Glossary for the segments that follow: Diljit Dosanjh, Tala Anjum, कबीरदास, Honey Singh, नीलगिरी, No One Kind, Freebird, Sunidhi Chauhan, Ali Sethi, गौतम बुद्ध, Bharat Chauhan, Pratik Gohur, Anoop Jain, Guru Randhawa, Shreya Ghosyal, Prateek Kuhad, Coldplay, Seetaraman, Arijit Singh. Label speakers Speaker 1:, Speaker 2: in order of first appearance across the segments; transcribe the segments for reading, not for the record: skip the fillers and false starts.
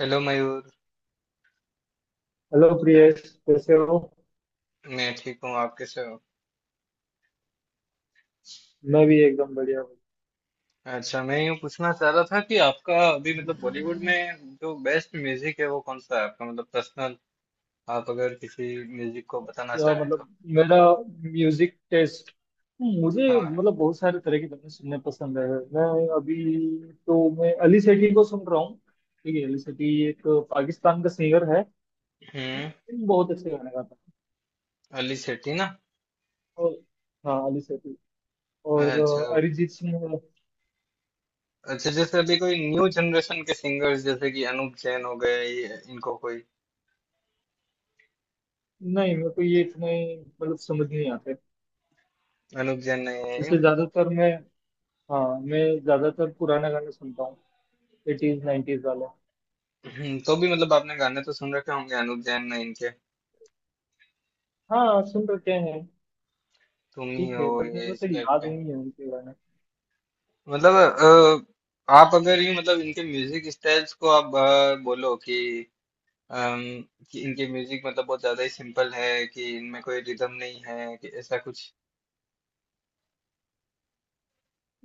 Speaker 1: Hello Mayur.
Speaker 2: Hello Priyesh, कैसे हो?
Speaker 1: मैं ठीक हूँ, आप कैसे हो?
Speaker 2: मैं भी एकदम बढ़िया हूँ।
Speaker 1: अच्छा, मैं यूँ पूछना चाह रहा था कि आपका अभी मतलब बॉलीवुड में जो बेस्ट म्यूजिक है वो कौन सा है आपका, मतलब पर्सनल। आप अगर किसी म्यूजिक को बताना चाहें तो।
Speaker 2: मतलब मेरा म्यूजिक टेस्ट, मुझे
Speaker 1: हाँ।
Speaker 2: मतलब बहुत सारे तरह की गाने सुनने पसंद है। मैं अभी तो मैं अली सेठी को सुन रहा हूँ। ठीक है, अली सेठी एक पाकिस्तान का सिंगर है,
Speaker 1: हम्म।
Speaker 2: बहुत अच्छे गाने गाता है।
Speaker 1: अली सेठी ना।
Speaker 2: और हाँ, अली सेठी और
Speaker 1: अच्छा।
Speaker 2: अरिजीत सिंह है।
Speaker 1: अच्छा, जैसे अभी कोई न्यू जनरेशन के सिंगर्स जैसे कि अनूप जैन हो गए, ये इनको कोई।
Speaker 2: नहीं, मेरे को ये इतने मतलब समझ नहीं आते।
Speaker 1: अनूप जैन नहीं
Speaker 2: वैसे
Speaker 1: है?
Speaker 2: ज्यादातर मैं हाँ, मैं ज्यादातर पुराना गाने सुनता हूँ, एटीज नाइनटीज वाले।
Speaker 1: तो भी मतलब आपने गाने तो सुन रखे होंगे अनूप जैन ने, इनके।
Speaker 2: हाँ सुन रखे हैं।
Speaker 1: तुम ही
Speaker 2: ठीक
Speaker 1: हो,
Speaker 2: है बट मेरे
Speaker 1: ये
Speaker 2: को
Speaker 1: इस
Speaker 2: सही
Speaker 1: टाइप
Speaker 2: याद
Speaker 1: के।
Speaker 2: नहीं है उनके बारे में।
Speaker 1: मतलब आप अगर ये मतलब इनके म्यूजिक स्टाइल्स को आप बोलो कि, अम, कि इनके म्यूजिक मतलब बहुत ज्यादा ही सिंपल है, कि इनमें कोई रिदम नहीं है, कि ऐसा कुछ।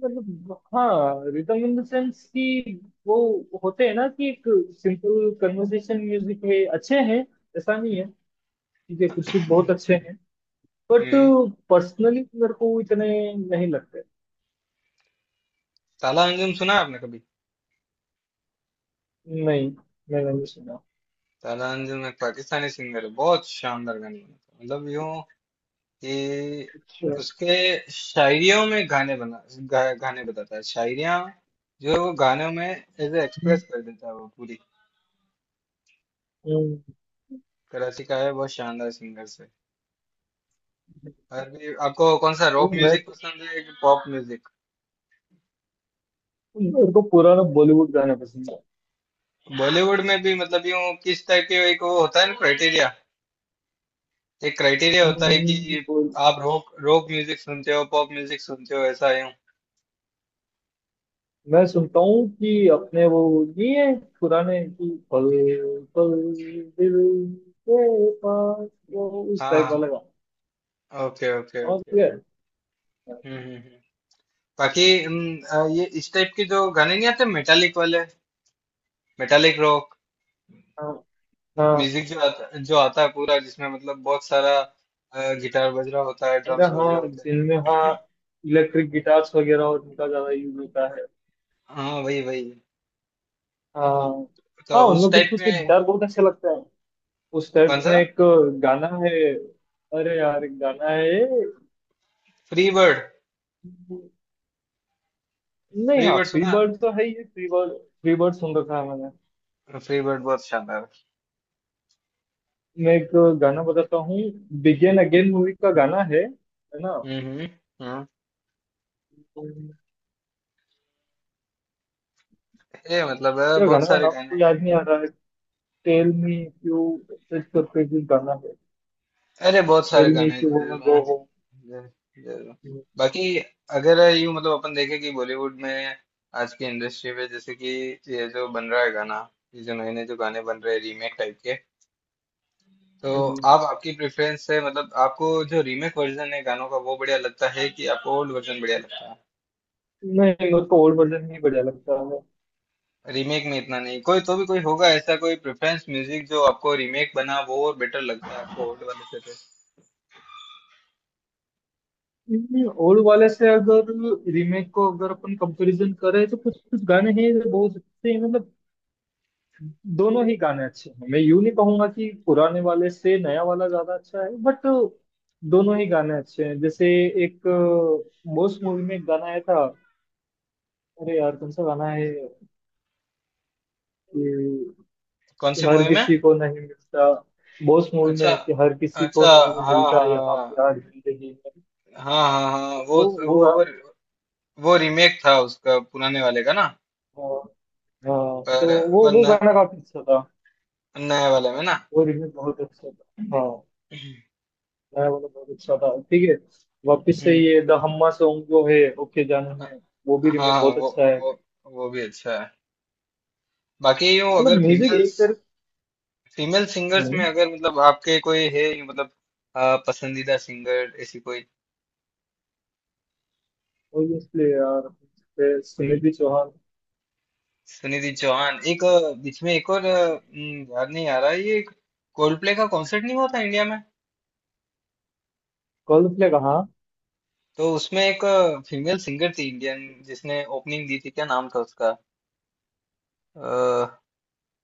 Speaker 2: मतलब हाँ, रिदम इन द सेंस कि वो होते हैं ना कि एक सिंपल कन्वर्सेशन म्यूजिक है, अच्छे हैं, ऐसा नहीं है। ठीक है, कुछ कुछ बहुत अच्छे हैं बट
Speaker 1: हम्म।
Speaker 2: पर्सनली मेरे को इतने नहीं लगते।
Speaker 1: ताला अंजुम सुना है आपने कभी?
Speaker 2: नहीं, मैंने नहीं सुना।
Speaker 1: ताला अंजुम एक पाकिस्तानी सिंगर है, बहुत शानदार गाने बनाता है, मतलब यूं कि
Speaker 2: अच्छा।
Speaker 1: उसके शायरियों में गाने बताता है, शायरियां जो है वो गानों में एज
Speaker 2: हम्म,
Speaker 1: एक्सप्रेस कर देता है वो पूरी। कराची का है, बहुत शानदार सिंगर। अभी आपको कौन सा रॉक
Speaker 2: मैं
Speaker 1: म्यूजिक पसंद है कि पॉप म्यूजिक?
Speaker 2: मेरे को पुराना बॉलीवुड गाना पसंद है।
Speaker 1: बॉलीवुड में भी मतलब यूं किस टाइप के, एक वो होता है ना क्राइटेरिया, एक क्राइटेरिया होता है
Speaker 2: हम्म,
Speaker 1: कि आप रॉक रॉक म्यूजिक सुनते हो, पॉप म्यूजिक सुनते हो, ऐसा यूं।
Speaker 2: मैं सुनता हूँ कि अपने वो नहीं है, पुराने कि पल पल दिल के पास, वो उस टाइप वाला
Speaker 1: हाँ।
Speaker 2: गाना।
Speaker 1: ओके ओके
Speaker 2: समझ
Speaker 1: ओके।
Speaker 2: गए।
Speaker 1: हम्म हम्म हम्म। बाकी ये इस टाइप के जो गाने नहीं आते मेटालिक वाले, मेटालिक रॉक
Speaker 2: हाँ हाँ।
Speaker 1: म्यूजिक जो आता है पूरा, जिसमें मतलब बहुत सारा गिटार बज रहा होता है,
Speaker 2: अरे
Speaker 1: ड्रम्स बज रहे
Speaker 2: हाँ,
Speaker 1: होते हैं।
Speaker 2: जिनमें हाँ इलेक्ट्रिक गिटार्स वगैरह और उनका ज्यादा यूज होता है।
Speaker 1: हाँ वही वही।
Speaker 2: हाँ हाँ,
Speaker 1: तो उस
Speaker 2: उनमें कुछ
Speaker 1: टाइप
Speaker 2: कुछ के
Speaker 1: में?
Speaker 2: गिटार बहुत अच्छा लगता है। उस
Speaker 1: कौन
Speaker 2: टाइप
Speaker 1: सा?
Speaker 2: में एक गाना है, अरे यार एक गाना है।
Speaker 1: Free bird.
Speaker 2: नहीं
Speaker 1: फ्री
Speaker 2: हाँ,
Speaker 1: बर्ड
Speaker 2: फ्री
Speaker 1: सुना?
Speaker 2: बर्ड तो है ही। फ्री बर्ड, फ्री बर्ड सुन रखा है।
Speaker 1: फ्री बर्ड बहुत शानदार
Speaker 2: मैं एक गाना बताता हूँ। बिगेन अगेन मूवी का गाना है ना?
Speaker 1: है। हम्म।
Speaker 2: क्या?
Speaker 1: ये मतलब है, बहुत
Speaker 2: गाना का
Speaker 1: सारे
Speaker 2: नाम
Speaker 1: गाने
Speaker 2: तो
Speaker 1: हैं।
Speaker 2: याद नहीं आ रहा है। Tell me if you search करके भी गाना है।
Speaker 1: अरे बहुत सारे
Speaker 2: टेल मी
Speaker 1: गाने
Speaker 2: इफ
Speaker 1: हैं,
Speaker 2: यू वांना
Speaker 1: जरूर
Speaker 2: गो
Speaker 1: हैं,
Speaker 2: होम।
Speaker 1: जरूर। जरूर। बाकी अगर यूं मतलब अपन देखें कि बॉलीवुड में, आज की इंडस्ट्री में जैसे कि ये जो बन रहा है गाना, ये जो नए नए जो गाने बन रहे हैं रीमेक टाइप के, तो आप आपकी प्रेफरेंस से मतलब आपको जो रीमेक वर्जन है गानों का वो बढ़िया लगता है, कि आपको ओल्ड वर्जन बढ़िया लगता है?
Speaker 2: नहीं, उसको ओल्ड वर्जन ही बढ़िया लगता
Speaker 1: रीमेक में इतना नहीं कोई, तो भी कोई होगा ऐसा कोई प्रेफरेंस म्यूजिक जो आपको रीमेक बना वो और बेटर लगता है आपको ओल्ड वाले से तो।
Speaker 2: है। ओल्ड वाले से अगर रीमेक को अगर अपन कंपैरिजन करें तो कुछ कुछ गाने हैं जो बहुत अच्छे हैं। मतलब दोनों ही गाने अच्छे हैं, मैं यूं नहीं कहूंगा कि पुराने वाले से नया वाला ज्यादा अच्छा है बट दोनों ही गाने अच्छे हैं। जैसे एक मोस्ट मूवी में एक गाना आया था, अरे यार कौन सा गाना है कि
Speaker 1: कौन सी
Speaker 2: हर
Speaker 1: मूवी में?
Speaker 2: किसी को नहीं मिलता। बॉस मूवी
Speaker 1: अच्छा।
Speaker 2: में कि हर किसी को
Speaker 1: अच्छा।
Speaker 2: नहीं
Speaker 1: हाँ हाँ
Speaker 2: मिलता यहाँ
Speaker 1: हाँ।
Speaker 2: प्यार जिंदगी में।
Speaker 1: हाँ हाँ हाँ, वो
Speaker 2: वो
Speaker 1: वो
Speaker 2: गा
Speaker 1: वो, वो रीमेक था उसका पुराने वाले का ना?
Speaker 2: हाँ। हाँ, तो
Speaker 1: पर
Speaker 2: वो
Speaker 1: पर
Speaker 2: वो गाना
Speaker 1: न-
Speaker 2: काफी अच्छा था।
Speaker 1: नए वाले में ना।
Speaker 2: वो रिमिक्स बहुत अच्छा था। हाँ, मैं बोला बहुत अच्छा था, ठीक है। वापस से
Speaker 1: हम्म।
Speaker 2: ये द हम्मा सॉन्ग जो है ओके जानू में, वो भी
Speaker 1: हाँ
Speaker 2: रिमेक
Speaker 1: हाँ,
Speaker 2: बहुत
Speaker 1: वो
Speaker 2: अच्छा है।
Speaker 1: वो वो भी अच्छा है। बाकी यूँ
Speaker 2: मतलब
Speaker 1: अगर
Speaker 2: म्यूजिक एक तरह।
Speaker 1: फीमेल सिंगर्स में अगर मतलब आपके कोई है यूँ मतलब पसंदीदा सिंगर ऐसी कोई?
Speaker 2: ऑब्वियसली यार, फिर सुनिधि चौहान।
Speaker 1: सुनिधि चौहान। एक बीच में एक और याद नहीं आ रहा है, ये कोल्डप्ले का कॉन्सर्ट नहीं हुआ था इंडिया में?
Speaker 2: कोल्डप्ले कहाँ?
Speaker 1: तो उसमें एक फीमेल सिंगर थी इंडियन, जिसने ओपनिंग दी थी, क्या नाम था उसका? अ,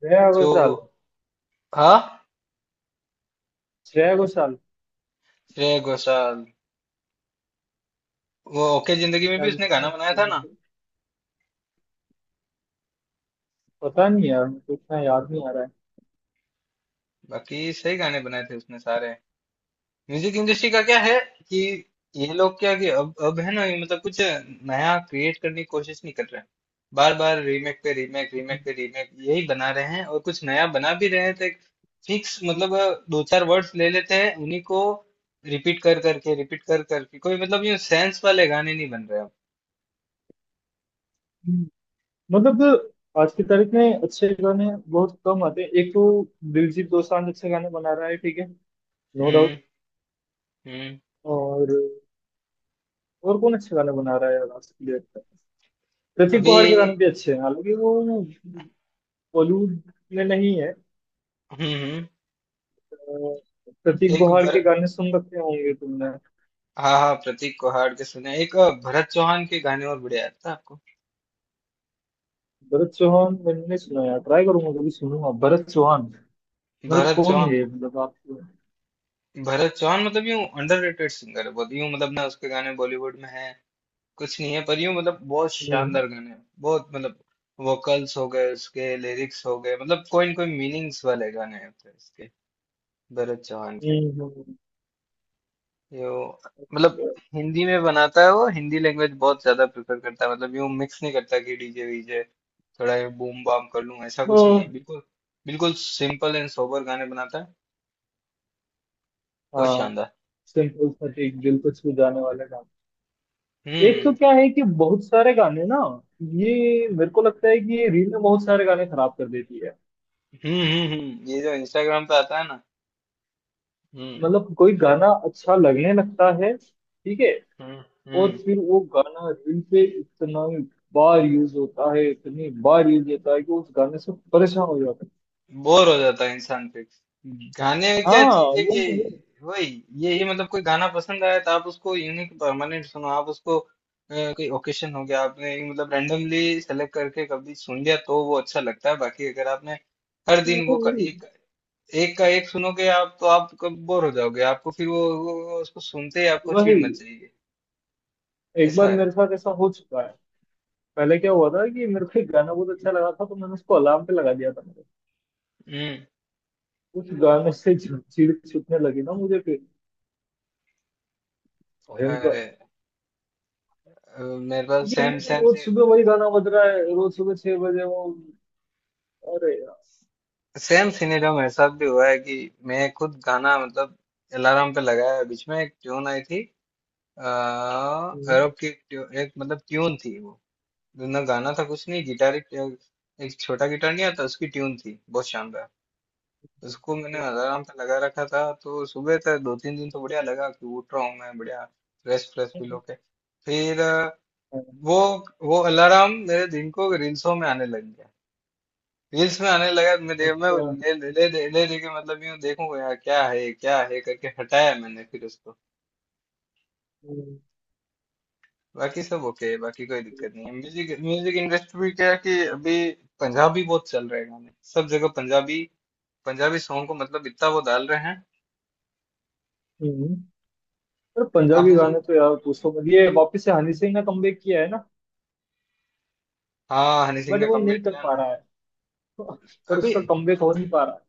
Speaker 2: श्रेया
Speaker 1: जो
Speaker 2: घोषाल।
Speaker 1: हाँ,
Speaker 2: श्रेया घोषाल।
Speaker 1: श्रेया घोषाल। वो ओके जिंदगी में भी
Speaker 2: शायद
Speaker 1: उसने
Speaker 2: उसी
Speaker 1: गाना
Speaker 2: में।
Speaker 1: बनाया था ना?
Speaker 2: मुझे पता नहीं यार, मुझे इतना याद नहीं आ रहा
Speaker 1: बाकी सही गाने बनाए थे उसने सारे। म्यूजिक इंडस्ट्री का क्या है कि ये लोग क्या कि अब है ना, ये मतलब कुछ नया क्रिएट करने की कोशिश नहीं कर रहे हैं, बार बार रीमेक पे रीमेक,
Speaker 2: है।
Speaker 1: रीमेक पे रीमेक यही बना रहे हैं, और कुछ नया बना भी रहे हैं तो एक फिक्स मतलब दो चार वर्ड्स ले लेते हैं उन्हीं को, रिपीट कर करके रिपीट कर करके, कोई मतलब ये सेंस वाले गाने नहीं बन रहे अब।
Speaker 2: मतलब आज की तारीख में अच्छे गाने बहुत कम आते हैं। एक तो दिलजीत दोसांझ अच्छे गाने बना रहा है, ठीक है, नो
Speaker 1: हम्म
Speaker 2: डाउट।
Speaker 1: हम्म।
Speaker 2: और और कौन अच्छे गाने बना रहा है यार आज की डेट? प्रतीक
Speaker 1: अभी।
Speaker 2: गौहर के गाने भी अच्छे हैं, हालांकि वो बॉलीवुड में नहीं है।
Speaker 1: हम्म।
Speaker 2: प्रतीक
Speaker 1: एक
Speaker 2: गौहर के
Speaker 1: बर।
Speaker 2: गाने सुन रखे होंगे तुमने।
Speaker 1: हाँ हाँ, प्रतीक को हार के सुने एक भरत चौहान के गाने और बढ़िया लगता है आपको?
Speaker 2: भरत चौहान मैंने नहीं सुना यार, ट्राई करूंगा, कभी सुनूंगा। भरत चौहान मतलब
Speaker 1: भरत
Speaker 2: कौन
Speaker 1: चौहान।
Speaker 2: है ये? मतलब आप।
Speaker 1: भरत चौहान मतलब यूं अंडररेटेड सिंगर है, बहुत यूं मतलब ना, उसके गाने बॉलीवुड में है कुछ नहीं है, पर यूं मतलब बहुत
Speaker 2: हम्म,
Speaker 1: शानदार गाने हैं, बहुत मतलब वोकल्स हो गए उसके, लिरिक्स हो गए, मतलब कोई न कोई मीनिंग्स वाले गाने हैं तो इसके, भरत चौहान के।
Speaker 2: हम्म।
Speaker 1: यो मतलब
Speaker 2: अच्छा।
Speaker 1: हिंदी में बनाता है वो, हिंदी लैंग्वेज बहुत ज्यादा प्रेफर करता है, मतलब यूं मिक्स नहीं करता कि डीजे वीजे थोड़ा ये बूम बाम कर लूं, ऐसा कुछ नहीं है
Speaker 2: हाँ
Speaker 1: बिल्कुल। बिल्कुल सिंपल एंड सोबर गाने बनाता है, बहुत
Speaker 2: हाँ,
Speaker 1: शानदार।
Speaker 2: सिंपल सा एक दिल को छू जाने वाला गाना। एक तो
Speaker 1: हम्म
Speaker 2: क्या है कि बहुत सारे गाने ना, ये मेरे को लगता है कि ये रील में बहुत सारे गाने खराब कर देती है।
Speaker 1: हम्म। ये जो इंस्टाग्राम पे आता है ना। हम्म
Speaker 2: मतलब कोई गाना अच्छा लगने लगता है, ठीक है,
Speaker 1: हम्म
Speaker 2: और
Speaker 1: हम्म।
Speaker 2: फिर वो गाना रील पे इतना बार यूज होता है, इतनी बार यूज होता है कि उस गाने से परेशान हो जाता है।
Speaker 1: बोर हो जाता है इंसान फिर। गाने में क्या
Speaker 2: हाँ
Speaker 1: चीज है कि वही, यही मतलब कोई गाना पसंद आया तो आप उसको यूनिक परमानेंट सुनो, आप उसको कोई ओकेशन हो गया आपने मतलब रैंडमली सेलेक्ट करके कभी सुन लिया तो वो अच्छा लगता है, बाकी अगर आपने हर दिन वो का
Speaker 2: वो-
Speaker 1: एक, एक का एक सुनोगे आप तो आप कब बोर हो जाओगे, आपको फिर वो उसको सुनते ही आपको
Speaker 2: वही,
Speaker 1: चिढ़ मच जाएगी।
Speaker 2: एक
Speaker 1: ऐसा
Speaker 2: बार मेरे
Speaker 1: है।
Speaker 2: साथ ऐसा हो चुका है। पहले क्या हुआ था कि मेरे को एक गाना बहुत अच्छा लगा था तो मैंने उसको अलार्म पे लगा दिया था मेरे।
Speaker 1: हम्म।
Speaker 2: उस गाने से जो चीड़ छूटने लगी ना मुझे, फिर भयंकर।
Speaker 1: अरे मेरे पास
Speaker 2: क्योंकि वो
Speaker 1: सेम
Speaker 2: तो
Speaker 1: सेम
Speaker 2: रोज सुबह वही गाना बज रहा है, रोज सुबह 6 बजे वो। अरे यार!
Speaker 1: सेम सिनेरियो मेरे साथ भी हुआ है, कि मैं खुद गाना मतलब अलार्म पे लगाया है। बीच में एक ट्यून आई थी,
Speaker 2: हम्म।
Speaker 1: एक मतलब ट्यून थी वो, ना गाना था कुछ नहीं, गिटार एक, एक छोटा गिटार नहीं आता, उसकी ट्यून थी बहुत शानदार। उसको मैंने अलार्म पे लगा रखा था, तो सुबह तक दो तीन दिन तो बढ़िया लगा कि उठ रहा हूँ मैं बढ़िया फ्रेश फ्रेश फील होके। फिर वो वो अलार्म मेरे दिन को रील्सों में आने लग गया, रील्स में आने लगा, मैं दे मैं वो
Speaker 2: अच्छा।
Speaker 1: ले ले ले ले ले- लेके मतलब यूं देखूंगा यार क्या है ये, क्या है करके हटाया मैंने फिर उसको।
Speaker 2: हम्म,
Speaker 1: बाकी सब ओके है, बाकी कोई दिक्कत नहीं है। म्यूजिक म्यूजिक इंडस्ट्री में क्या है कि अभी पंजाबी बहुत चल रहे हैं गाने सब जगह, पंजाबी पंजाबी सॉन्ग को मतलब इतना वो डाल रहे हैं।
Speaker 2: हम्म। और पंजाबी
Speaker 1: आपने सुन।
Speaker 2: गाने तो यार पूछो मत, ये वापस से हनी सिंह ने कमबैक किया है ना
Speaker 1: हाँ, हनी सिंह
Speaker 2: बट
Speaker 1: ने
Speaker 2: वो नहीं
Speaker 1: कमबैक
Speaker 2: कर
Speaker 1: किया
Speaker 2: पा
Speaker 1: ना।
Speaker 2: रहा है। पर
Speaker 1: अभी
Speaker 2: उसका कमबैक हो नहीं पा रहा है।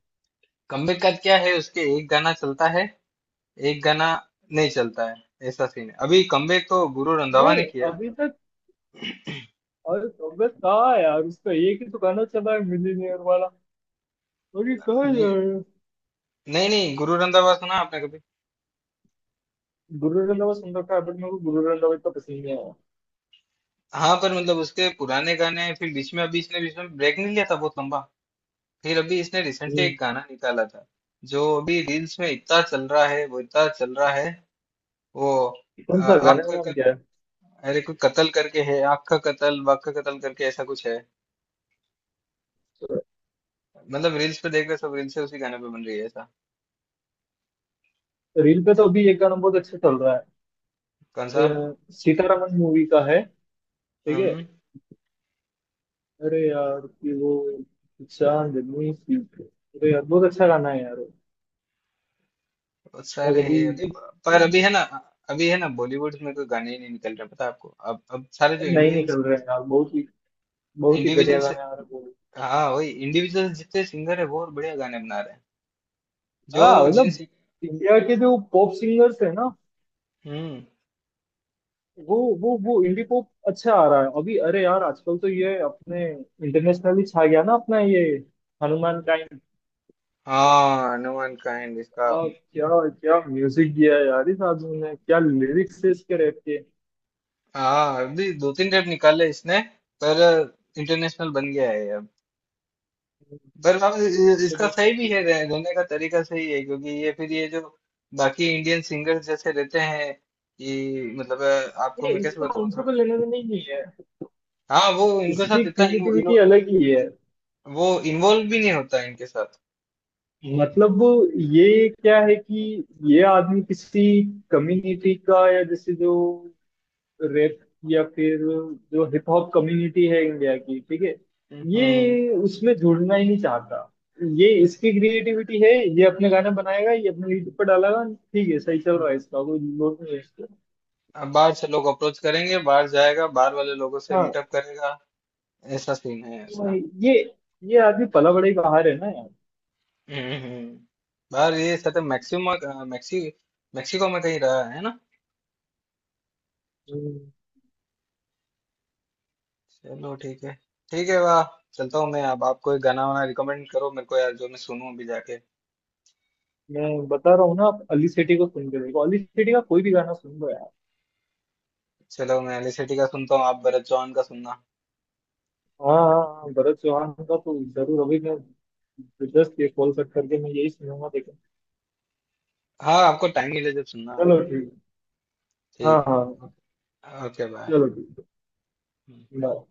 Speaker 1: कमबैक का क्या है, उसके एक गाना चलता है एक गाना नहीं चलता है ऐसा सीन है, अभी कमबैक तो गुरु रंधावा ने
Speaker 2: नहीं
Speaker 1: किया।
Speaker 2: अभी तक। और कमबैक कहाँ है यार, उसका एक ही तो गाना चला है, मिलीनियर वाला। बाकी कहाँ है
Speaker 1: मे-
Speaker 2: यार।
Speaker 1: नहीं नहीं, गुरु रंधावा सुना आपने कभी?
Speaker 2: गुरु रंधावा सुन रखा है बट मेरे को गुरु रंधावा इतना पसंद नहीं आया।
Speaker 1: हाँ पर मतलब उसके पुराने गाने, फिर बीच में अभी इसने बीच में ब्रेक नहीं लिया था बहुत लंबा, फिर अभी इसने रिसेंटली
Speaker 2: हम्म,
Speaker 1: एक गाना निकाला था जो अभी रील्स में इतना चल रहा है वो, इतना चल रहा है वो
Speaker 2: कौन
Speaker 1: अ,
Speaker 2: सा? गाने
Speaker 1: आँख
Speaker 2: का
Speaker 1: का
Speaker 2: नाम
Speaker 1: कत,
Speaker 2: क्या है?
Speaker 1: अरे कोई कत्ल करके है, आँख का कत्ल, वाक का कत्ल करके, ऐसा कुछ है। मतलब रील्स पे देख रहे सब, रील्स से उसी गाने पे बन रही है ऐसा।
Speaker 2: रील पे तो अभी एक गाना बहुत अच्छा चल रहा है,
Speaker 1: कौन सा?
Speaker 2: सीतारामन मूवी का है, ठीक है,
Speaker 1: हम्म।
Speaker 2: अरे यार कि वो चांदनी सी। अरे यार, बहुत अच्छा गाना है यार वो।
Speaker 1: बहुत
Speaker 2: मैं
Speaker 1: सारे
Speaker 2: कभी
Speaker 1: है अभी, पर अभी है ना, अभी है ना बॉलीवुड में कोई गाने ही नहीं निकल रहे, पता है आपको? अब सारे जो
Speaker 2: नहीं
Speaker 1: इंडिविजुअल
Speaker 2: निकल रहे हैं
Speaker 1: सिंगर,
Speaker 2: यार, बहुत ही
Speaker 1: इंडिविजुअल।
Speaker 2: घटिया गाने आ रहे हैं वो।
Speaker 1: हाँ वही इंडिविजुअल जितने सिंगर है बहुत बढ़िया गाने बना रहे हैं, जो
Speaker 2: हाँ
Speaker 1: जिन
Speaker 2: मतलब
Speaker 1: सिं-
Speaker 2: इंडिया के जो पॉप सिंगर्स है ना,
Speaker 1: हम्म।
Speaker 2: वो वो इंडी पॉप अच्छा आ रहा है अभी। अरे यार आजकल तो ये अपने इंटरनेशनली छा गया ना, अपना ये हनुमान काइंड।
Speaker 1: हाँ, नो वन काइंड इसका।
Speaker 2: और क्या क्या म्यूजिक दिया है यार इस आदमी ने, क्या लिरिक्स है इसके रैप के!
Speaker 1: हाँ अभी दो तीन टेप निकाले इसने, पर इंटरनेशनल बन गया है ये अब। पर अब इसका सही भी है, रहने का तरीका सही है, क्योंकि ये, फिर ये जो बाकी इंडियन सिंगर्स जैसे रहते हैं, ये मतलब आपको
Speaker 2: ये
Speaker 1: मैं कैसे
Speaker 2: इसका
Speaker 1: बताऊँ
Speaker 2: उनसे
Speaker 1: थोड़ा।
Speaker 2: कोई लेना देना ही नहीं है।
Speaker 1: हाँ वो इनके
Speaker 2: इसकी
Speaker 1: साथ इतना इन्वो,
Speaker 2: क्रिएटिविटी
Speaker 1: इन्वो,
Speaker 2: अलग ही है।
Speaker 1: वो इन्वॉल्व भी नहीं होता इनके साथ।
Speaker 2: मतलब वो ये क्या है कि ये आदमी किसी कम्युनिटी का या जैसे जो रैप या फिर जो हिप हॉप कम्युनिटी है इंडिया की, ठीक है,
Speaker 1: हम्म हम्म,
Speaker 2: ये उसमें जुड़ना ही नहीं चाहता। ये इसकी क्रिएटिविटी है, ये अपने गाना बनाएगा, ये अपने यूट्यूब पर डालेगा, ठीक है, सही चल
Speaker 1: हम्म।
Speaker 2: रहा है, इसका कोई लोड नहीं है इसको।
Speaker 1: अब बाहर से लोग अप्रोच करेंगे, बाहर जाएगा, बाहर वाले लोगों से
Speaker 2: हाँ।
Speaker 1: मीटअप करेगा, ऐसा सीन है
Speaker 2: तो
Speaker 1: इसका।
Speaker 2: ये ये आदमी पला बड़ा ही बाहर है ना यार।
Speaker 1: हम्म हम्म। बाहर ये सत्य मैक्सिमा मैक्सी मेक्सिको में कहीं रहा है ना?
Speaker 2: हम्म,
Speaker 1: चलो ठीक है। ठीक है, वाह। चलता हूँ मैं अब, आप कोई गाना वाना रिकमेंड करो मेरे को यार जो मैं सुनूं अभी जाके।
Speaker 2: मैं बता रहा हूँ ना, आप अली सेठी को सुन के देखो, अली सेठी का कोई भी गाना सुन लो यार।
Speaker 1: चलो मैं एलिसिटी का सुनता हूँ, आप भरत चौहान का सुनना।
Speaker 2: हाँ हाँ हाँ, भरत चौहान का तो जरूर। अभी मैं रिक्वेस्ट, ये कॉल कट करके मैं यही सुनूंगा देखो।
Speaker 1: हाँ आपको टाइम मिले जब सुनना आपको।
Speaker 2: चलो ठीक है। हाँ
Speaker 1: ठीक है।
Speaker 2: हाँ,
Speaker 1: ओके बाय।
Speaker 2: चलो ठीक है बाय।